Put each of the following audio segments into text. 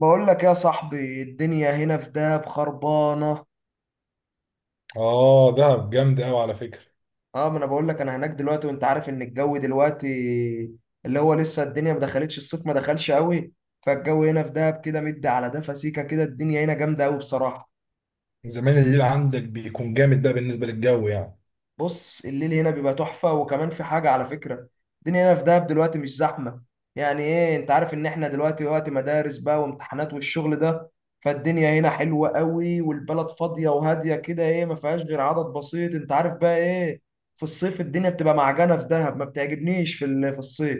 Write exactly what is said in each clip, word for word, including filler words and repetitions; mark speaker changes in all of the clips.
Speaker 1: بقول لك يا صاحبي، الدنيا هنا في دهب خربانه.
Speaker 2: اه، دهب جامد قوي على فكره.
Speaker 1: اه، ما انا بقول لك، انا هناك دلوقتي وانت عارف ان الجو دلوقتي اللي هو لسه الدنيا ما دخلتش الصيف، ما دخلش قوي. فالجو هنا في دهب كده مد على ده فسيكه كده، الدنيا هنا جامده قوي بصراحه.
Speaker 2: زمان الليل عندك بيكون جامد، ده بالنسبه للجو يعني.
Speaker 1: بص، الليل هنا بيبقى تحفة، وكمان في حاجة على فكرة. الدنيا هنا في دهب دلوقتي مش زحمة. يعني ايه؟ انت عارف ان احنا دلوقتي وقت مدارس بقى، وامتحانات والشغل ده. فالدنيا هنا حلوة قوي، والبلد فاضية وهادية كده، ايه، ما فيهاش غير عدد بسيط. انت عارف بقى ايه؟ في الصيف الدنيا بتبقى معجنة في دهب، ما بتعجبنيش في ال- في الصيف.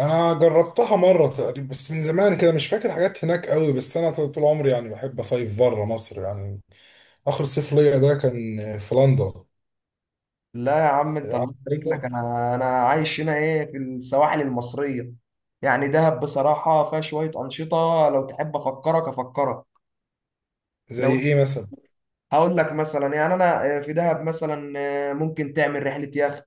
Speaker 2: انا جربتها مره تقريبا بس من زمان كده، مش فاكر حاجات هناك قوي، بس انا طول عمري يعني بحب اصيف بره مصر يعني. اخر صيف ليا ده كان في لندن.
Speaker 1: لا يا عم، انت
Speaker 2: عارف
Speaker 1: الله يبارك لك،
Speaker 2: لندن؟
Speaker 1: انا انا عايش هنا ايه، في السواحل المصرية. يعني دهب بصراحة فيها شوية أنشطة، لو تحب أفكرك أفكرك
Speaker 2: زي
Speaker 1: لو
Speaker 2: ايه مثلا؟
Speaker 1: هقول لك مثلا، يعني انا آه، في دهب مثلا. آه، ممكن تعمل رحله يخت،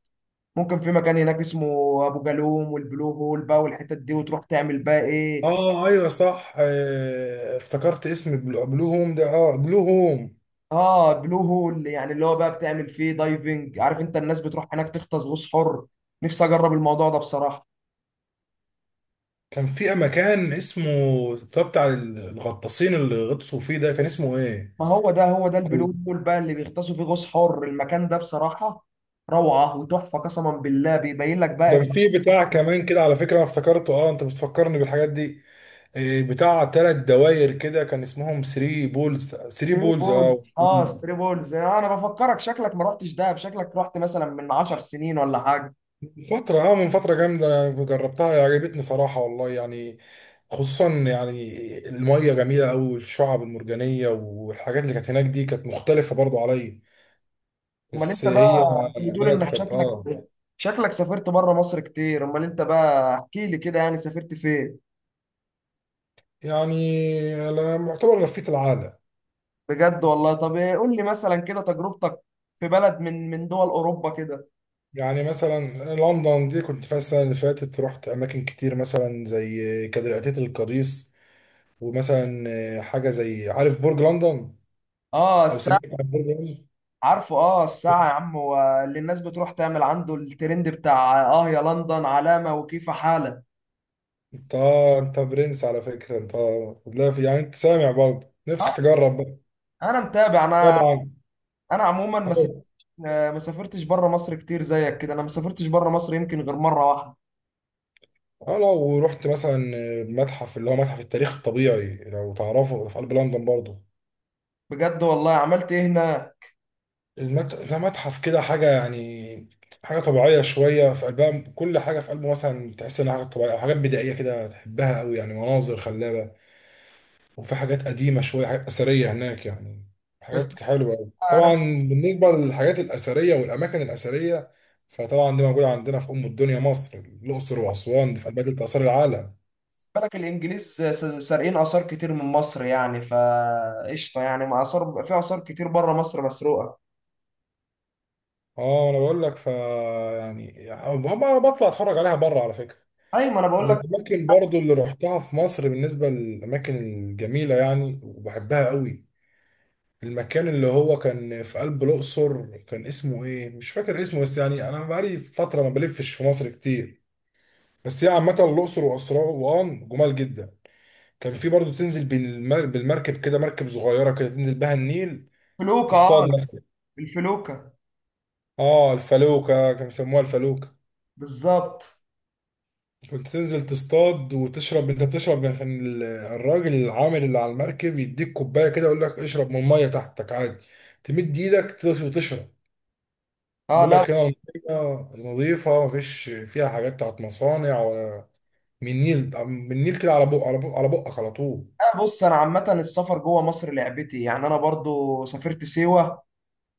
Speaker 1: ممكن في مكان هناك اسمه ابو جالوم، والبلو هول بقى والحتت دي، وتروح تعمل بقى ايه.
Speaker 2: اه ايوه صح، آه، افتكرت اسم بلو بلو هوم ده. اه بلو هوم.
Speaker 1: اه، بلو هول، يعني اللي هو بقى بتعمل فيه دايفنج، عارف انت؟ الناس بتروح هناك تغطس غوص حر. نفسي اجرب الموضوع ده بصراحه.
Speaker 2: كان في مكان اسمه، ده بتاع الغطاسين اللي غطسوا فيه ده، كان اسمه ايه؟
Speaker 1: ما هو ده، هو ده البلو هول بقى اللي بيغطسوا فيه غوص حر، المكان ده بصراحه روعه وتحفه، قسما بالله بيبين لك
Speaker 2: وكان
Speaker 1: بقى.
Speaker 2: في بتاع كمان كده على فكرة، انا افتكرته. اه، انت بتفكرني بالحاجات دي. إيه، بتاع ثلاث دواير كده كان اسمهم 3 بولز. 3
Speaker 1: ثري
Speaker 2: بولز.
Speaker 1: بولز،
Speaker 2: اه،
Speaker 1: اه،
Speaker 2: من
Speaker 1: ثري بولز. انا بفكرك، شكلك ما رحتش دهب، شكلك رحت مثلا من 10 سنين ولا حاجه.
Speaker 2: فترة اه من فترة جامدة، أنا جربتها عجبتني صراحة والله يعني. خصوصا يعني المية جميلة أوي، والشعب المرجانية والحاجات اللي كانت هناك دي كانت مختلفة برضو عليا.
Speaker 1: امال
Speaker 2: بس
Speaker 1: انت
Speaker 2: هي
Speaker 1: بقى، انت بتقول
Speaker 2: بلد
Speaker 1: انك
Speaker 2: كانت،
Speaker 1: شكلك
Speaker 2: اه،
Speaker 1: شكلك سافرت بره مصر كتير. امال انت بقى، احكي لي كده، يعني سافرت فين؟
Speaker 2: يعني أنا معتبر لفيت العالم.
Speaker 1: بجد والله؟ طب إيه، قول لي مثلا كده تجربتك في بلد من من دول اوروبا كده.
Speaker 2: يعني مثلا لندن دي كنت فيها السنة اللي فاتت، رحت أماكن كتير مثلا زي كاتدرائية القديس، ومثلا حاجة زي، عارف برج لندن؟
Speaker 1: اه،
Speaker 2: أو
Speaker 1: الساعه.
Speaker 2: سمعت عن برج لندن؟
Speaker 1: عارفه، اه الساعه يا عم، هو اللي الناس بتروح تعمل عنده الترند بتاع، اه، يا لندن علامه وكيف حالك.
Speaker 2: أنت، آه، أنت برنس على فكرة أنت. لا في يعني، أنت سامع برضه نفسك
Speaker 1: اه،
Speaker 2: تجرب بقى.
Speaker 1: انا متابع. انا
Speaker 2: طبعا.
Speaker 1: انا عموما ما
Speaker 2: أه.
Speaker 1: آه، ما سافرتش بره مصر كتير زيك كده، انا ما سافرتش بره مصر يمكن غير مره واحده.
Speaker 2: آه، لو ورحت مثلا متحف، اللي هو متحف التاريخ الطبيعي لو تعرفه في قلب لندن برضه.
Speaker 1: بجد والله؟ عملت ايه هنا؟
Speaker 2: المت... ده متحف كده حاجة يعني، حاجة طبيعية شوية في قلبها، كل حاجة في قلبه مثلا تحس إنها حاجة طبيعية أو حاجات بدائية كده تحبها أوي، يعني مناظر خلابة. وفي حاجات قديمة شوية، حاجات أثرية هناك يعني.
Speaker 1: بس
Speaker 2: حاجات حلوة أوي،
Speaker 1: انا
Speaker 2: طبعا
Speaker 1: بالنسبه
Speaker 2: بالنسبة للحاجات الأثرية والأماكن الأثرية. فطبعا دي موجودة عندنا في أم الدنيا مصر. الأقصر وأسوان دي في قلبها تلت آثار العالم.
Speaker 1: لك، الانجليز س- سارقين اثار كتير من مصر، يعني فقشطه، يعني ما اثار، في اثار كتير بره مصر مسروقه.
Speaker 2: اه انا بقول لك، ف يعني يعني ب- بطلع اتفرج عليها بره على فكره.
Speaker 1: ايوه ما انا بقول لك.
Speaker 2: والأماكن برضو اللي روحتها في مصر بالنسبة للأماكن الجميلة يعني وبحبها قوي، المكان اللي هو كان في قلب الأقصر كان اسمه إيه؟ مش فاكر اسمه، بس يعني أنا بقالي فترة ما بلفش في مصر كتير. بس هي عامة الأقصر وأسوان جمال جدا. كان في برضو تنزل بالمر- بالمركب كده، مركب صغيرة كده تنزل بها النيل،
Speaker 1: فلوكه،
Speaker 2: تصطاد
Speaker 1: اه.
Speaker 2: مثلا.
Speaker 1: الفلوكه،
Speaker 2: آه الفلوكة، كانوا بيسموها الفلوكة.
Speaker 1: بالظبط.
Speaker 2: كنت تنزل تصطاد وتشرب، انت بتشرب يعني، كان ال- الراجل العامل اللي على المركب يديك كوبايه كده يقول لك اشرب من الميه تحتك عادي، تمد ايدك تدوس وتشرب.
Speaker 1: اه،
Speaker 2: يقول
Speaker 1: لا.
Speaker 2: لك هنا الميه نظيفه مفيش فيها حاجات بتاعت مصانع ولا، من النيل، من النيل كده على بق على بق على بقك على طول.
Speaker 1: آه، بص، انا عامه السفر جوه مصر لعبتي، يعني انا برضو سافرت سيوه.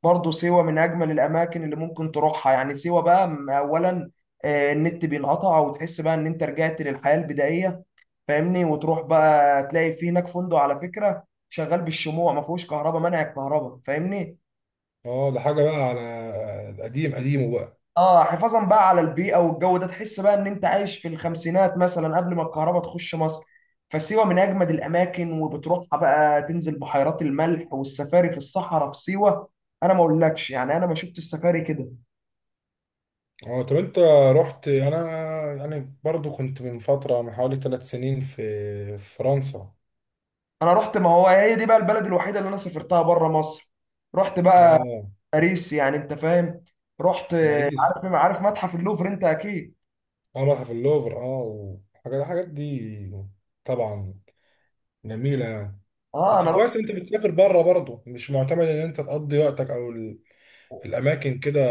Speaker 1: برضه سيوة من أجمل الأماكن اللي ممكن تروحها، يعني سيوة بقى م- أولا آه، النت بينقطع وتحس بقى إن أنت رجعت للحياة البدائية. فاهمني؟ وتروح بقى تلاقي في هناك فندق على فكرة شغال بالشموع، ما فيهوش كهرباء، منع الكهرباء، فاهمني؟
Speaker 2: اه ده حاجه بقى على القديم، قديمه بقى.
Speaker 1: اه، حفاظا بقى على البيئة والجو ده، تحس بقى إن أنت عايش في الخمسينات مثلا قبل ما الكهرباء تخش مصر. فسيوة من أجمد الأماكن، وبتروحها بقى تنزل بحيرات الملح والسفاري في الصحراء في سيوة. أنا ما أقولكش يعني، أنا ما شفت السفاري كده.
Speaker 2: اه طب، انت رحت يعني؟ انا يعني برضو كنت من فتره، من حوالي ثلاث سنين، في في فرنسا.
Speaker 1: انا رحت، ما هو هي دي بقى البلد الوحيده اللي انا سافرتها بره مصر. رحت بقى
Speaker 2: اه.
Speaker 1: باريس، يعني انت فاهم. رحت،
Speaker 2: باريس.
Speaker 1: عارف عارف متحف اللوفر انت اكيد.
Speaker 2: اه، متحف اللوفر. اه، والحاجات، الحاجات دي طبعا جميلة يعني.
Speaker 1: اه،
Speaker 2: بس
Speaker 1: انا رحت.
Speaker 2: كويس انت بتسافر بره برضه، مش معتمد ان انت تقضي وقتك او ال- في الاماكن كده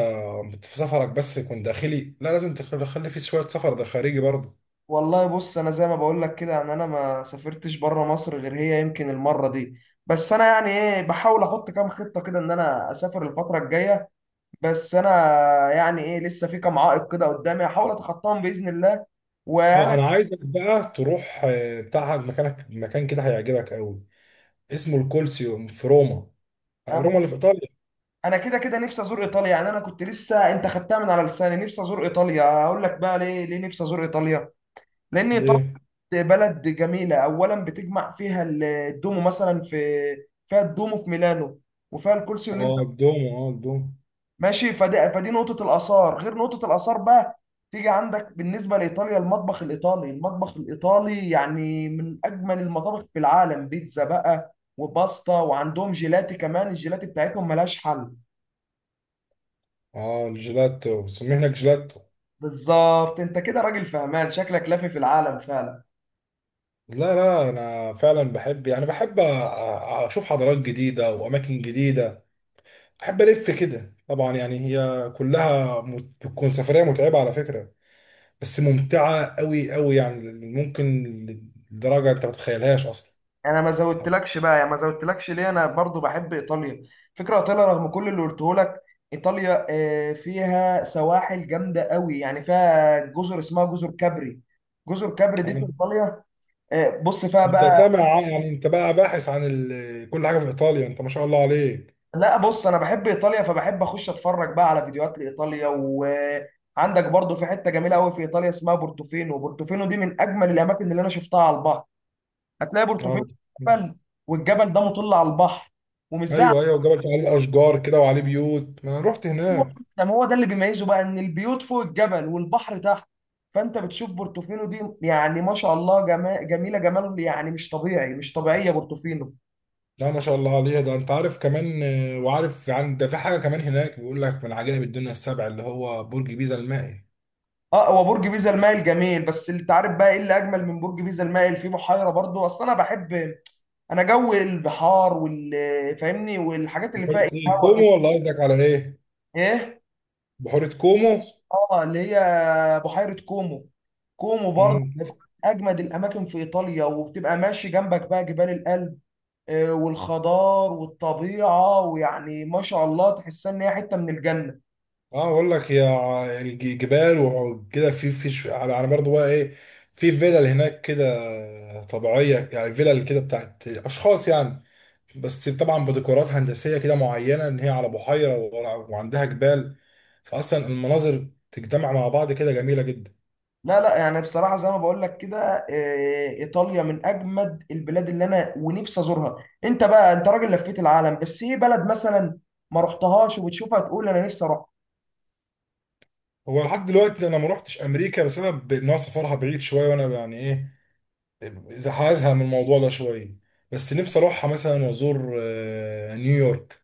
Speaker 2: في سفرك، بس يكون داخلي. لا لازم تخ- تخلي فيه شوية سفر ده خارجي برضه.
Speaker 1: والله بص، انا زي ما بقول لك كده، ان انا ما سافرتش بره مصر غير هي يمكن المره دي. بس انا يعني ايه، بحاول احط كام خطه كده ان انا اسافر الفتره الجايه. بس انا يعني ايه، لسه في كام عائق كده قدامي، هحاول اتخطاهم باذن الله.
Speaker 2: اه
Speaker 1: وانا
Speaker 2: انا عايزك بقى تروح، آه، بتاع مكانك، مكان كده هيعجبك قوي اسمه الكولسيوم في روما. آه، روما اللي في ايطاليا.
Speaker 1: انا كده كده نفسي ازور ايطاليا. يعني انا كنت لسه، انت خدتها من على لساني، نفسي ازور ايطاليا. هقول لك بقى ليه. ليه نفسي ازور ايطاليا؟ لان ايطاليا
Speaker 2: ليه؟
Speaker 1: بلد جميله اولا، بتجمع فيها ال- الدومو مثلا في، فيها الدومو في ميلانو، وفيها الكولسيو اللي انت
Speaker 2: اه الدومو. اه الدومو.
Speaker 1: ماشي. فدي فدي نقطه الاثار، غير نقطه الاثار بقى تيجي عندك، بالنسبه لايطاليا المطبخ الايطالي، المطبخ الايطالي يعني من اجمل المطابخ في العالم. بيتزا بقى، وباستا، وعندهم جيلاتي كمان. الجيلاتي بتاعتهم ملهاش حل.
Speaker 2: اه الجيلاتو، بيسموه هناك جيلاتو.
Speaker 1: بالظبط، انت كده راجل فهمان، شكلك لافي في العالم فعلا.
Speaker 2: لا لا انا فعلا بحب يعني، بحب أ- أ- اشوف حضارات جديده واماكن جديده. بحب الف كده طبعا يعني، هي كلها مت- بتكون سفريه متعبه على فكره، بس ممتعه قوي قوي يعني. ممكن لدرجه انت ما تتخيلهاش اصلا.
Speaker 1: انا ما زودتلكش بقى، يا ما زودتلكش ليه، انا برضو بحب ايطاليا، فكره ايطاليا رغم كل اللي قلته لك. ايطاليا آه، فيها سواحل جامده قوي، يعني فيها جزر اسمها جزر كابري. جزر كابري دي في
Speaker 2: تمام؟
Speaker 1: ايطاليا. آه، بص فيها
Speaker 2: انت
Speaker 1: بقى.
Speaker 2: سامع عن- يعني انت بقى باحث عن ال... كل حاجه في ايطاليا، انت ما شاء الله عليك.
Speaker 1: لا بص، انا بحب ايطاليا، فبحب اخش اتفرج بقى على فيديوهات لايطاليا. وعندك برضو في حته جميله قوي في ايطاليا اسمها بورتوفينو. بورتوفينو دي من اجمل الاماكن اللي انا شفتها على البحر. هتلاقي
Speaker 2: آه.
Speaker 1: بورتوفينو جبل، والجبل ده مطل على البحر، ومش زي عندنا،
Speaker 2: ايوه ايوه، وجبل عليه اشجار كده وعليه بيوت، ما انا رحت هناك.
Speaker 1: ده ما هو ده اللي بيميزه بقى، ان البيوت فوق الجبل والبحر تحت. فانت بتشوف بورتوفينو دي، يعني ما شاء الله، جما... جميله جمال، يعني مش طبيعي، مش طبيعيه بورتوفينو.
Speaker 2: لا ما شاء الله عليها. ده انت عارف كمان، آه، وعارف عن ده، في حاجه كمان هناك بيقول لك من عجائب الدنيا السبع، اللي هو برج بيزا المائل.
Speaker 1: اه، هو برج بيزا المائل جميل، بس انت عارف بقى ايه اللي اجمل من برج بيزا المائل؟ في بحيره برضو، اصل انا بحب، انا جو البحار وال، فاهمني، والحاجات اللي فيها ايه،
Speaker 2: بحيره ايه؟
Speaker 1: هوا كده.
Speaker 2: كومو؟ ولا قصدك على ايه؟
Speaker 1: ايه؟
Speaker 2: بحيره كومو.
Speaker 1: اه، اللي هي بحيره كومو. كومو
Speaker 2: مم، شفت؟
Speaker 1: اجمد الاماكن في ايطاليا، وبتبقى ماشي جنبك بقى جبال الألب آه، والخضار والطبيعه، ويعني ما شاء الله تحسها ان هي حته من الجنه.
Speaker 2: اه بقول لك يا ع- الج- جبال وكده، في في ش- على على برضه بقى ايه، في فيلل هناك كده طبيعيه، يعني فيلل كده بتاعت اشخاص يعني، بس طبعا بديكورات هندسيه كده معينه، ان هي على بحيره وعندها جبال، فاصلا المناظر تجتمع مع بعض كده جميله جدا.
Speaker 1: لا لا، يعني بصراحه زي ما بقول لك كده، آه، ايطاليا من اجمد البلاد اللي انا ونفسي ازورها. انت بقى انت راجل لفيت العالم، بس ايه بلد مثلا ما رحتهاش وبتشوفها تقول انا نفسي اروح؟
Speaker 2: هو لحد دلوقتي انا ما روحتش امريكا بسبب ان هو سفرها بعيد شويه، وانا يعني ايه، إذا هزهق من الموضوع ده شويه. بس نفسي اروحها مثلا وازور، آه، نيويورك،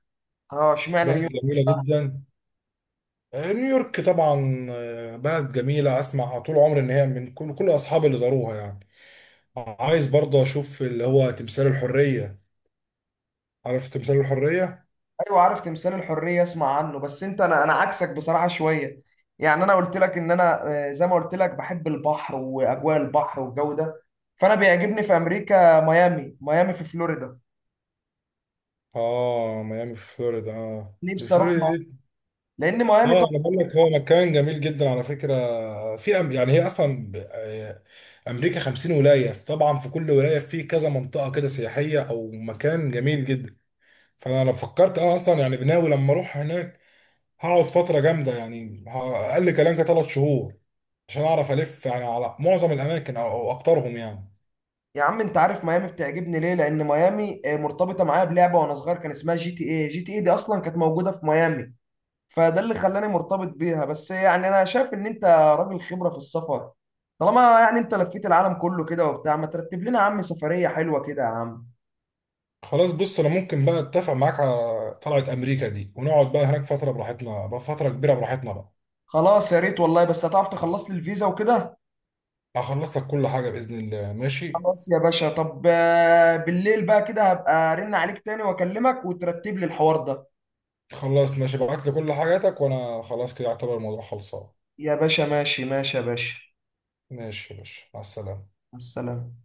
Speaker 1: اه، اشمعنى
Speaker 2: بلد
Speaker 1: اليونان.
Speaker 2: جميله جدا. آه، نيويورك طبعا، آه، بلد جميله، اسمع طول عمري ان هي من كل كل اصحابي اللي زاروها يعني. عايز برضه اشوف اللي هو تمثال الحريه. عارف تمثال الحريه.
Speaker 1: ايوه عارف تمثال الحريه، اسمع عنه. بس انت، انا انا عكسك بصراحه شويه. يعني انا قلت لك ان انا، آه، زي ما قلت لك، بحب البحر واجواء البحر والجو ده، فانا بيعجبني في امريكا ميامي. ميامي في فلوريدا،
Speaker 2: اه ميامي في فلوريدا، اه دي
Speaker 1: نفسي اروح مع،
Speaker 2: فلوريدا.
Speaker 1: لان ميامي طبعا،
Speaker 2: اه انا بقول لك هو مكان جميل جدا على فكره. في أم... يعني هي اصلا ب- آه، امريكا خمسين ولايه طبعا، في كل ولايه في كذا منطقه كده سياحيه او مكان جميل جدا. فانا لو فكرت، انا اصلا يعني بناوي لما اروح هناك هقعد فتره جامده يعني، ه- اقل كلام كده ثلاث شهور، عشان اعرف الف يعني على معظم الاماكن او أو اكترهم يعني.
Speaker 1: يا عم انت عارف ميامي بتعجبني ليه؟ لان ميامي آه، مرتبطه معايا بلعبه وانا صغير، كان اسمها جي تي اي. جي تي اي دي اصلا كانت موجوده في ميامي، فده اللي خلاني مرتبط بيها. بس يعني انا شايف ان انت راجل خبرة في السفر. طالما يعني انت لفيت العالم كله كده وبتاع، ما ترتب لنا يا عم سفرية حلوة كده يا عم؟
Speaker 2: خلاص بص، انا ممكن بقى اتفق معاك على طلعه امريكا دي، ونقعد بقى هناك فتره براحتنا بقى، فتره كبيره براحتنا بقى.
Speaker 1: خلاص يا ريت والله، بس هتعرف تخلص لي الفيزا وكده؟
Speaker 2: هخلص لك كل حاجه باذن الله، ماشي.
Speaker 1: خلاص يا باشا، طب آه، بالليل بقى كده هبقى ارن عليك تاني واكلمك، وترتب لي الحوار ده.
Speaker 2: خلاص ماشي، ابعت لي كل حاجاتك وانا خلاص كده اعتبر الموضوع خلصان.
Speaker 1: يا باشا ماشي ماشي يا باشا،
Speaker 2: ماشي يا باشا، مع السلامة.
Speaker 1: مع السلامة.